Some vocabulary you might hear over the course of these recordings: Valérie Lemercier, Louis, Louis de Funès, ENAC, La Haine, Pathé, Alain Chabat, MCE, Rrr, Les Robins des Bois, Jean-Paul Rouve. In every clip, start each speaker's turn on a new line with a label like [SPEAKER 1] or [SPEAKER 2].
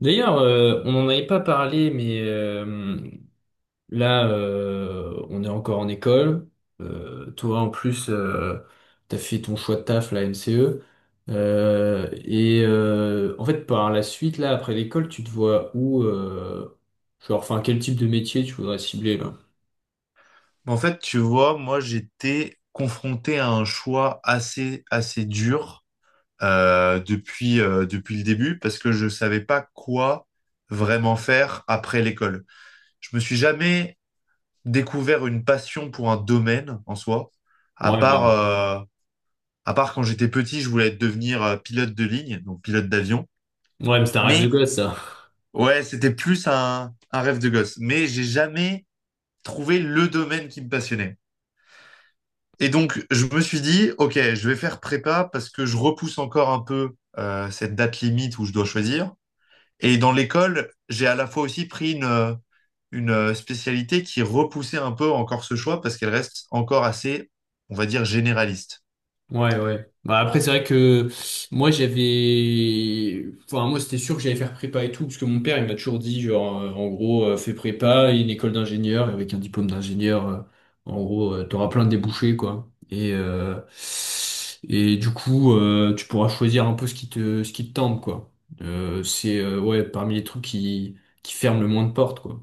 [SPEAKER 1] D'ailleurs, on n'en avait pas parlé, mais là, on est encore en école. Toi, en plus, t'as fait ton choix de taf, la MCE. En fait, par la suite, là, après l'école, tu te vois où, genre, enfin, quel type de métier tu voudrais cibler, là?
[SPEAKER 2] En fait, tu vois, moi, j'étais confronté à un choix assez, assez dur depuis, depuis le début parce que je savais pas quoi vraiment faire après l'école. Je me suis jamais découvert une passion pour un domaine en soi, à
[SPEAKER 1] Ouais, bah,
[SPEAKER 2] part, euh, à part quand j'étais petit, je voulais devenir pilote de ligne, donc pilote d'avion.
[SPEAKER 1] ouais, mais c'est un rêve de
[SPEAKER 2] Mais
[SPEAKER 1] gosse, ça.
[SPEAKER 2] ouais, c'était plus un rêve de gosse. Mais j'ai jamais trouvé le domaine qui me passionnait. Et donc, je me suis dit, OK, je vais faire prépa parce que je repousse encore un peu cette date limite où je dois choisir. Et dans l'école, j'ai à la fois aussi pris une spécialité qui repoussait un peu encore ce choix parce qu'elle reste encore assez, on va dire, généraliste.
[SPEAKER 1] Ouais, ouais. Bah, après, c'est vrai que moi, j'avais. Enfin, moi, c'était sûr que j'allais faire prépa et tout, parce que mon père, il m'a toujours dit, genre, fais prépa et une école d'ingénieur, et avec un diplôme d'ingénieur, en gros, t'auras plein de débouchés, quoi. Et du coup, tu pourras choisir un peu ce qui te tente, quoi. Ouais, parmi les trucs qui ferment le moins de portes, quoi.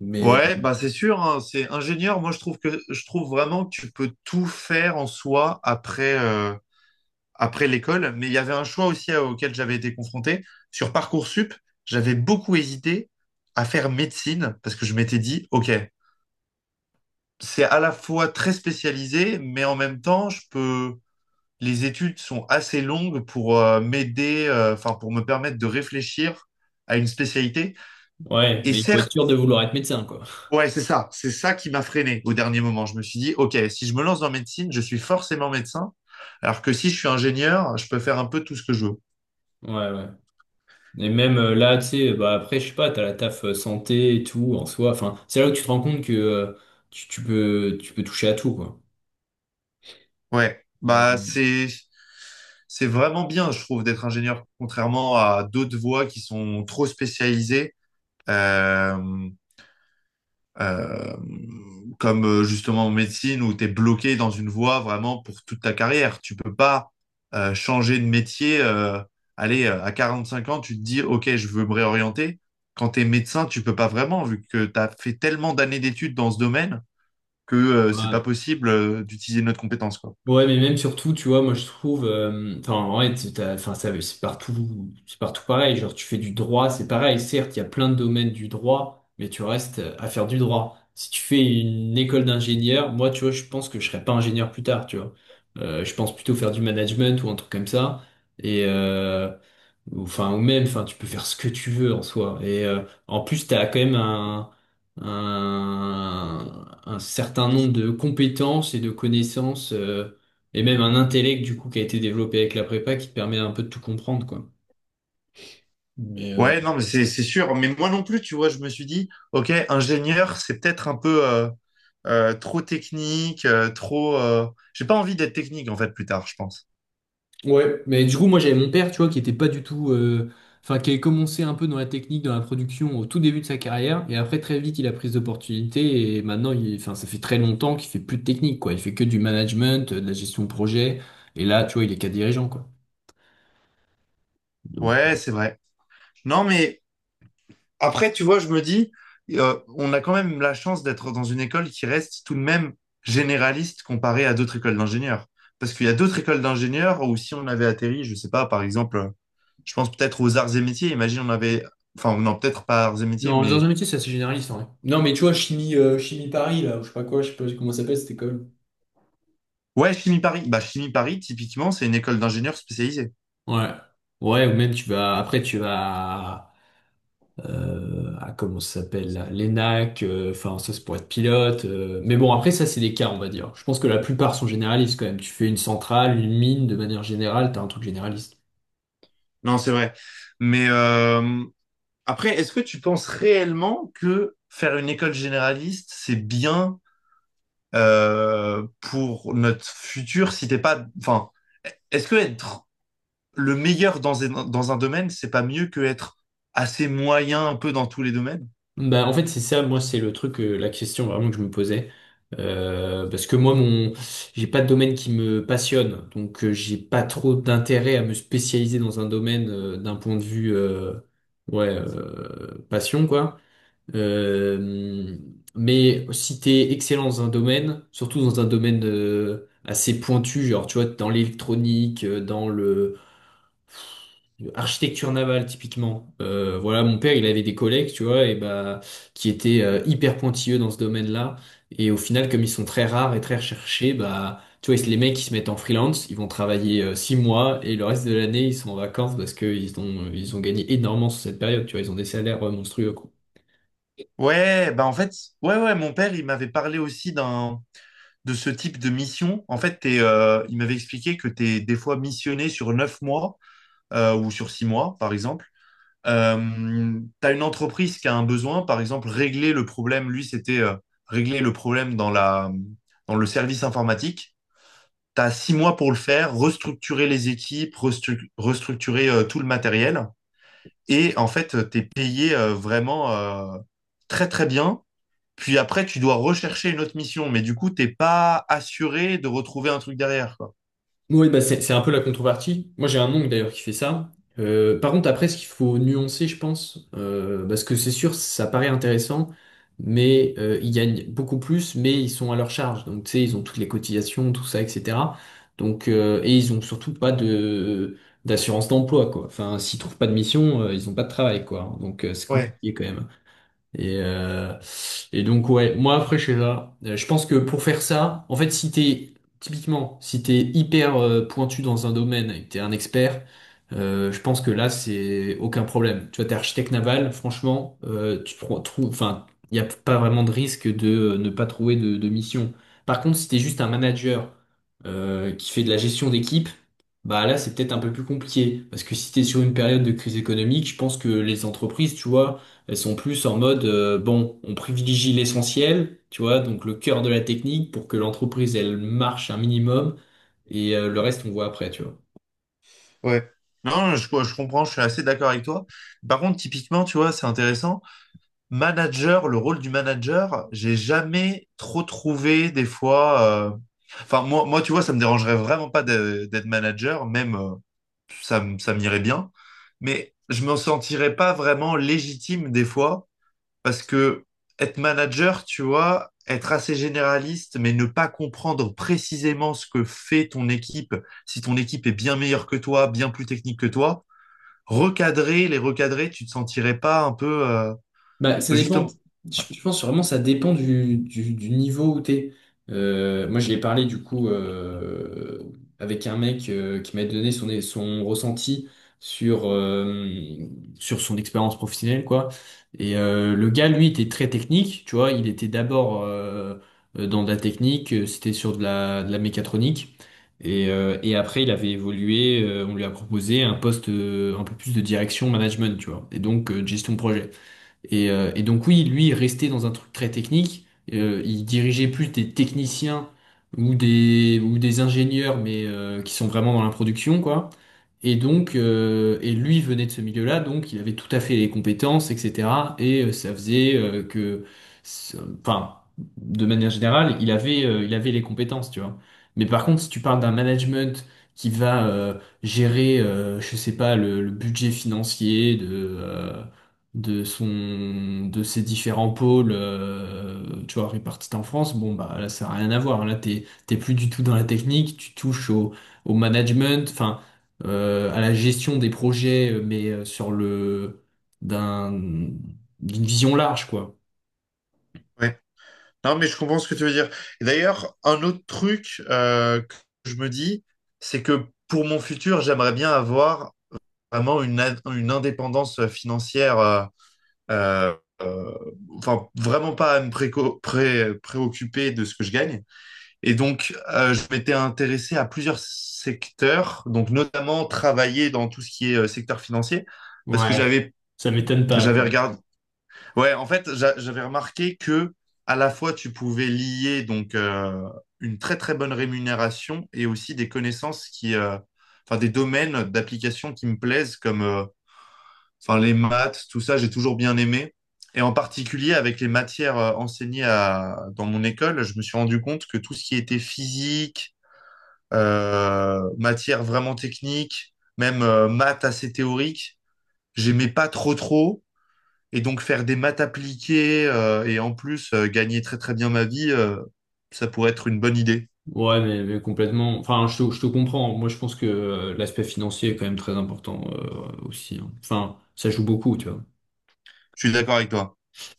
[SPEAKER 1] Mais, euh,
[SPEAKER 2] Ouais, bah c'est sûr, hein, c'est ingénieur. Moi, je trouve vraiment que tu peux tout faire en soi après, après l'école, mais il y avait un choix aussi auquel j'avais été confronté. Sur Parcoursup, j'avais beaucoup hésité à faire médecine parce que je m'étais dit, OK, c'est à la fois très spécialisé, mais en même temps, les études sont assez longues pour m'aider, enfin, pour me permettre de réfléchir à une spécialité.
[SPEAKER 1] ouais,
[SPEAKER 2] Et
[SPEAKER 1] mais il faut être
[SPEAKER 2] certes,
[SPEAKER 1] sûr de vouloir être médecin, quoi.
[SPEAKER 2] ouais, c'est ça qui m'a freiné au dernier moment. Je me suis dit, OK, si je me lance dans médecine, je suis forcément médecin, alors que si je suis ingénieur, je peux faire un peu tout ce que je veux.
[SPEAKER 1] Ouais, ouais. Et même là, tu sais, bah après, je sais pas, t'as la taf santé et tout en soi. Enfin, c'est là où tu te rends compte que tu, tu peux toucher à tout, quoi.
[SPEAKER 2] Ouais,
[SPEAKER 1] Mais-
[SPEAKER 2] bah c'est vraiment bien, je trouve, d'être ingénieur, contrairement à d'autres voies qui sont trop spécialisées, euh, euh, comme justement en médecine où tu es bloqué dans une voie vraiment pour toute ta carrière. Tu peux pas changer de métier. À 5 ans, tu te dis, OK, je veux me réorienter. Quand tu es médecin, tu peux pas vraiment, vu que tu as fait tellement d'années d'études dans ce domaine que c'est pas
[SPEAKER 1] Ouais.
[SPEAKER 2] possible d'utiliser notre compétence, quoi.
[SPEAKER 1] Ouais, mais même surtout, tu vois, moi je trouve, enfin, en vrai, enfin, ça, c'est partout pareil. Genre, tu fais du droit, c'est pareil. Certes, il y a plein de domaines du droit, mais tu restes à faire du droit. Si tu fais une école d'ingénieur, moi, tu vois, je pense que je serais pas ingénieur plus tard, tu vois. Je pense plutôt faire du management ou un truc comme ça. Et euh, enfin, ou même, enfin, tu peux faire ce que tu veux en soi. En plus, t'as quand même un certain nombre de compétences et de connaissances. Et même un intellect, du coup, qui a été développé avec la prépa qui te permet un peu de tout comprendre, quoi. Mais, euh,
[SPEAKER 2] Ouais, non, mais c'est sûr. Mais moi non plus, tu vois, je me suis dit, ok, ingénieur, c'est peut-être un peu trop technique, trop. J'ai pas envie d'être technique en fait plus tard, je pense.
[SPEAKER 1] ouais, mais du coup, moi, j'avais mon père, tu vois, qui était pas du tout. Enfin, qui avait commencé un peu dans la technique, dans la production au tout début de sa carrière. Et après, très vite, il a pris d'opportunités. Et maintenant, il... enfin, ça fait très longtemps qu'il fait plus de technique, quoi. Il fait que du management, de la gestion de projet. Et là, tu vois, il est cadre dirigeant, quoi. Donc.
[SPEAKER 2] Ouais, c'est vrai. Non, mais après, tu vois, je me dis, on a quand même la chance d'être dans une école qui reste tout de même généraliste comparée à d'autres écoles d'ingénieurs. Parce qu'il y a d'autres écoles d'ingénieurs où si on avait atterri, je sais pas, par exemple, je pense peut-être aux arts et métiers. Imagine, non, peut-être pas arts et métiers,
[SPEAKER 1] Non, dans
[SPEAKER 2] mais
[SPEAKER 1] un métier, c'est assez généraliste, en vrai. Non, mais tu vois, chimie Paris, là, ou je sais pas quoi, je sais pas comment ça s'appelle cette école.
[SPEAKER 2] ouais, Chimie Paris. Bah, Chimie Paris, typiquement, c'est une école d'ingénieurs spécialisée.
[SPEAKER 1] Ouais. Ouais, ou même tu vas. Après, tu vas. À comment ça s'appelle, là, l'ENAC, enfin ça c'est pour être pilote. Mais bon, après ça c'est des cas, on va dire. Je pense que la plupart sont généralistes quand même. Tu fais une centrale, une mine, de manière générale, t'as un truc généraliste.
[SPEAKER 2] Non, c'est vrai. Mais après, est-ce que tu penses réellement que faire une école généraliste, c'est bien pour notre futur si t'es pas... Enfin, est-ce que être le meilleur dans un domaine, c'est pas mieux que être assez moyen un peu dans tous les domaines?
[SPEAKER 1] Bah en fait c'est ça, moi c'est le truc, la question vraiment que je me posais. Parce que moi mon j'ai pas de domaine qui me passionne, donc j'ai pas trop d'intérêt à me spécialiser dans un domaine d'un point de vue ouais passion quoi. Euh, mais si t'es excellent dans un domaine, surtout dans un domaine assez pointu, genre tu vois, dans l'électronique, dans le l'architecture navale typiquement. Voilà, mon père, il avait des collègues, tu vois, et bah qui étaient hyper pointilleux dans ce domaine-là. Et au final, comme ils sont très rares et très recherchés, bah tu vois, les mecs ils se mettent en freelance, ils vont travailler six mois et le reste de l'année ils sont en vacances parce que ils ont gagné énormément sur cette période, tu vois, ils ont des salaires monstrueux, quoi.
[SPEAKER 2] Ouais, bah en fait, ouais, mon père, il m'avait parlé aussi d'un... de ce type de mission, en fait, il m'avait expliqué que tu es des fois missionné sur 9 mois ou sur 6 mois, par exemple. Tu as une entreprise qui a un besoin, par exemple, régler le problème. Lui, c'était régler le problème dans le service informatique. Tu as 6 mois pour le faire, restructurer les équipes, restructurer tout le matériel. Et en fait, tu es payé vraiment très, très bien. Puis après, tu dois rechercher une autre mission, mais du coup, t'es pas assuré de retrouver un truc derrière, quoi.
[SPEAKER 1] Oui, bah c'est un peu la contrepartie. Moi, j'ai un oncle d'ailleurs qui fait ça. Par contre, après, ce qu'il faut nuancer, je pense, parce que c'est sûr, ça paraît intéressant, mais ils gagnent beaucoup plus, mais ils sont à leur charge. Donc, tu sais, ils ont toutes les cotisations, tout ça, etc. Donc, et ils ont surtout pas de d'assurance d'emploi, quoi. Enfin, s'ils trouvent pas de mission, ils ont pas de travail, quoi. Donc, c'est
[SPEAKER 2] Ouais,
[SPEAKER 1] compliqué quand même. Et, euh, et donc ouais, moi après je sais pas. Je pense que pour faire ça, en fait si t'es typiquement si t'es hyper pointu dans un domaine et que t'es un expert, je pense que là c'est aucun problème. Tu vois, t'es architecte naval, franchement, trouves, enfin, il n'y a pas vraiment de risque de ne pas trouver de mission. Par contre, si t'es juste un manager qui fait de la gestion d'équipe, bah là c'est peut-être un peu plus compliqué parce que si t'es sur une période de crise économique, je pense que les entreprises, tu vois elles sont plus en mode, bon, on privilégie l'essentiel, tu vois, donc le cœur de la technique pour que l'entreprise, elle marche un minimum et le reste, on voit après, tu vois.
[SPEAKER 2] ouais. Non, je comprends, je suis assez d'accord avec toi. Par contre, typiquement, tu vois, c'est intéressant. Manager, le rôle du manager, j'ai jamais trop trouvé des fois. Enfin, moi, tu vois, ça me dérangerait vraiment pas d'être manager, même ça, ça m'irait bien. Mais je me sentirais pas vraiment légitime des fois. Parce que être manager, tu vois, être assez généraliste, mais ne pas comprendre précisément ce que fait ton équipe, si ton équipe est bien meilleure que toi, bien plus technique que toi, les recadrer, tu te sentirais pas un peu
[SPEAKER 1] Bah, ça
[SPEAKER 2] bah, justement.
[SPEAKER 1] dépend. Je pense vraiment ça dépend du niveau où t'es. Moi, je l'ai parlé du coup avec un mec qui m'a donné son, son ressenti sur, sur son expérience professionnelle, quoi. Le gars, lui, était très technique, tu vois. Il était d'abord dans de la technique, c'était sur de la mécatronique. Et après, il avait évolué, on lui a proposé un poste un peu plus de direction management, tu vois. De gestion de projet. Et donc oui, lui, il restait dans un truc très technique. Il dirigeait plus des techniciens ou des ingénieurs, mais qui sont vraiment dans la production, quoi. Et lui venait de ce milieu-là, donc il avait tout à fait les compétences, etc. Ça faisait que, ça- enfin, de manière générale, il avait les compétences, tu vois. Mais par contre, si tu parles d'un management qui va gérer, je sais pas, le budget financier de son de ses différents pôles tu vois répartis en France, bon bah là ça n'a rien à voir, là t'es plus du tout dans la technique, tu touches au, au management, à la gestion des projets sur le d'un d'une vision large, quoi.
[SPEAKER 2] Ouais. Non, mais je comprends ce que tu veux dire. Et d'ailleurs, un autre truc que je me dis, c'est que pour mon futur, j'aimerais bien avoir vraiment une indépendance financière euh, euh, enfin vraiment pas à me préoccuper de ce que je gagne. Et donc, je m'étais intéressé à plusieurs secteurs, donc notamment travailler dans tout ce qui est secteur financier, parce que
[SPEAKER 1] Ouais, ça m'étonne pas.
[SPEAKER 2] j'avais regardé. Ouais, en fait, j'avais remarqué que à la fois tu pouvais lier donc une très très bonne rémunération et aussi des connaissances qui, enfin des domaines d'application qui me plaisent comme enfin les maths, tout ça, j'ai toujours bien aimé. Et en particulier avec les matières enseignées dans mon école, je me suis rendu compte que tout ce qui était physique, matière vraiment technique, même maths assez théoriques, j'aimais pas trop trop. Et donc faire des maths appliquées et en plus gagner très très bien ma vie, ça pourrait être une bonne idée.
[SPEAKER 1] Ouais, mais complètement, enfin je te comprends, moi je pense que l'aspect financier est quand même très important aussi hein. Enfin ça joue beaucoup tu vois.
[SPEAKER 2] Je suis d'accord avec toi.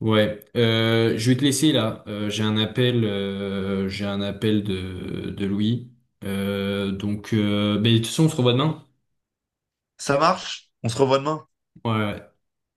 [SPEAKER 1] Ouais, je vais te laisser là. J'ai un appel de Louis. Ben, de toute façon, on se revoit demain.
[SPEAKER 2] Ça marche? On se revoit demain.
[SPEAKER 1] Ouais. Ouais.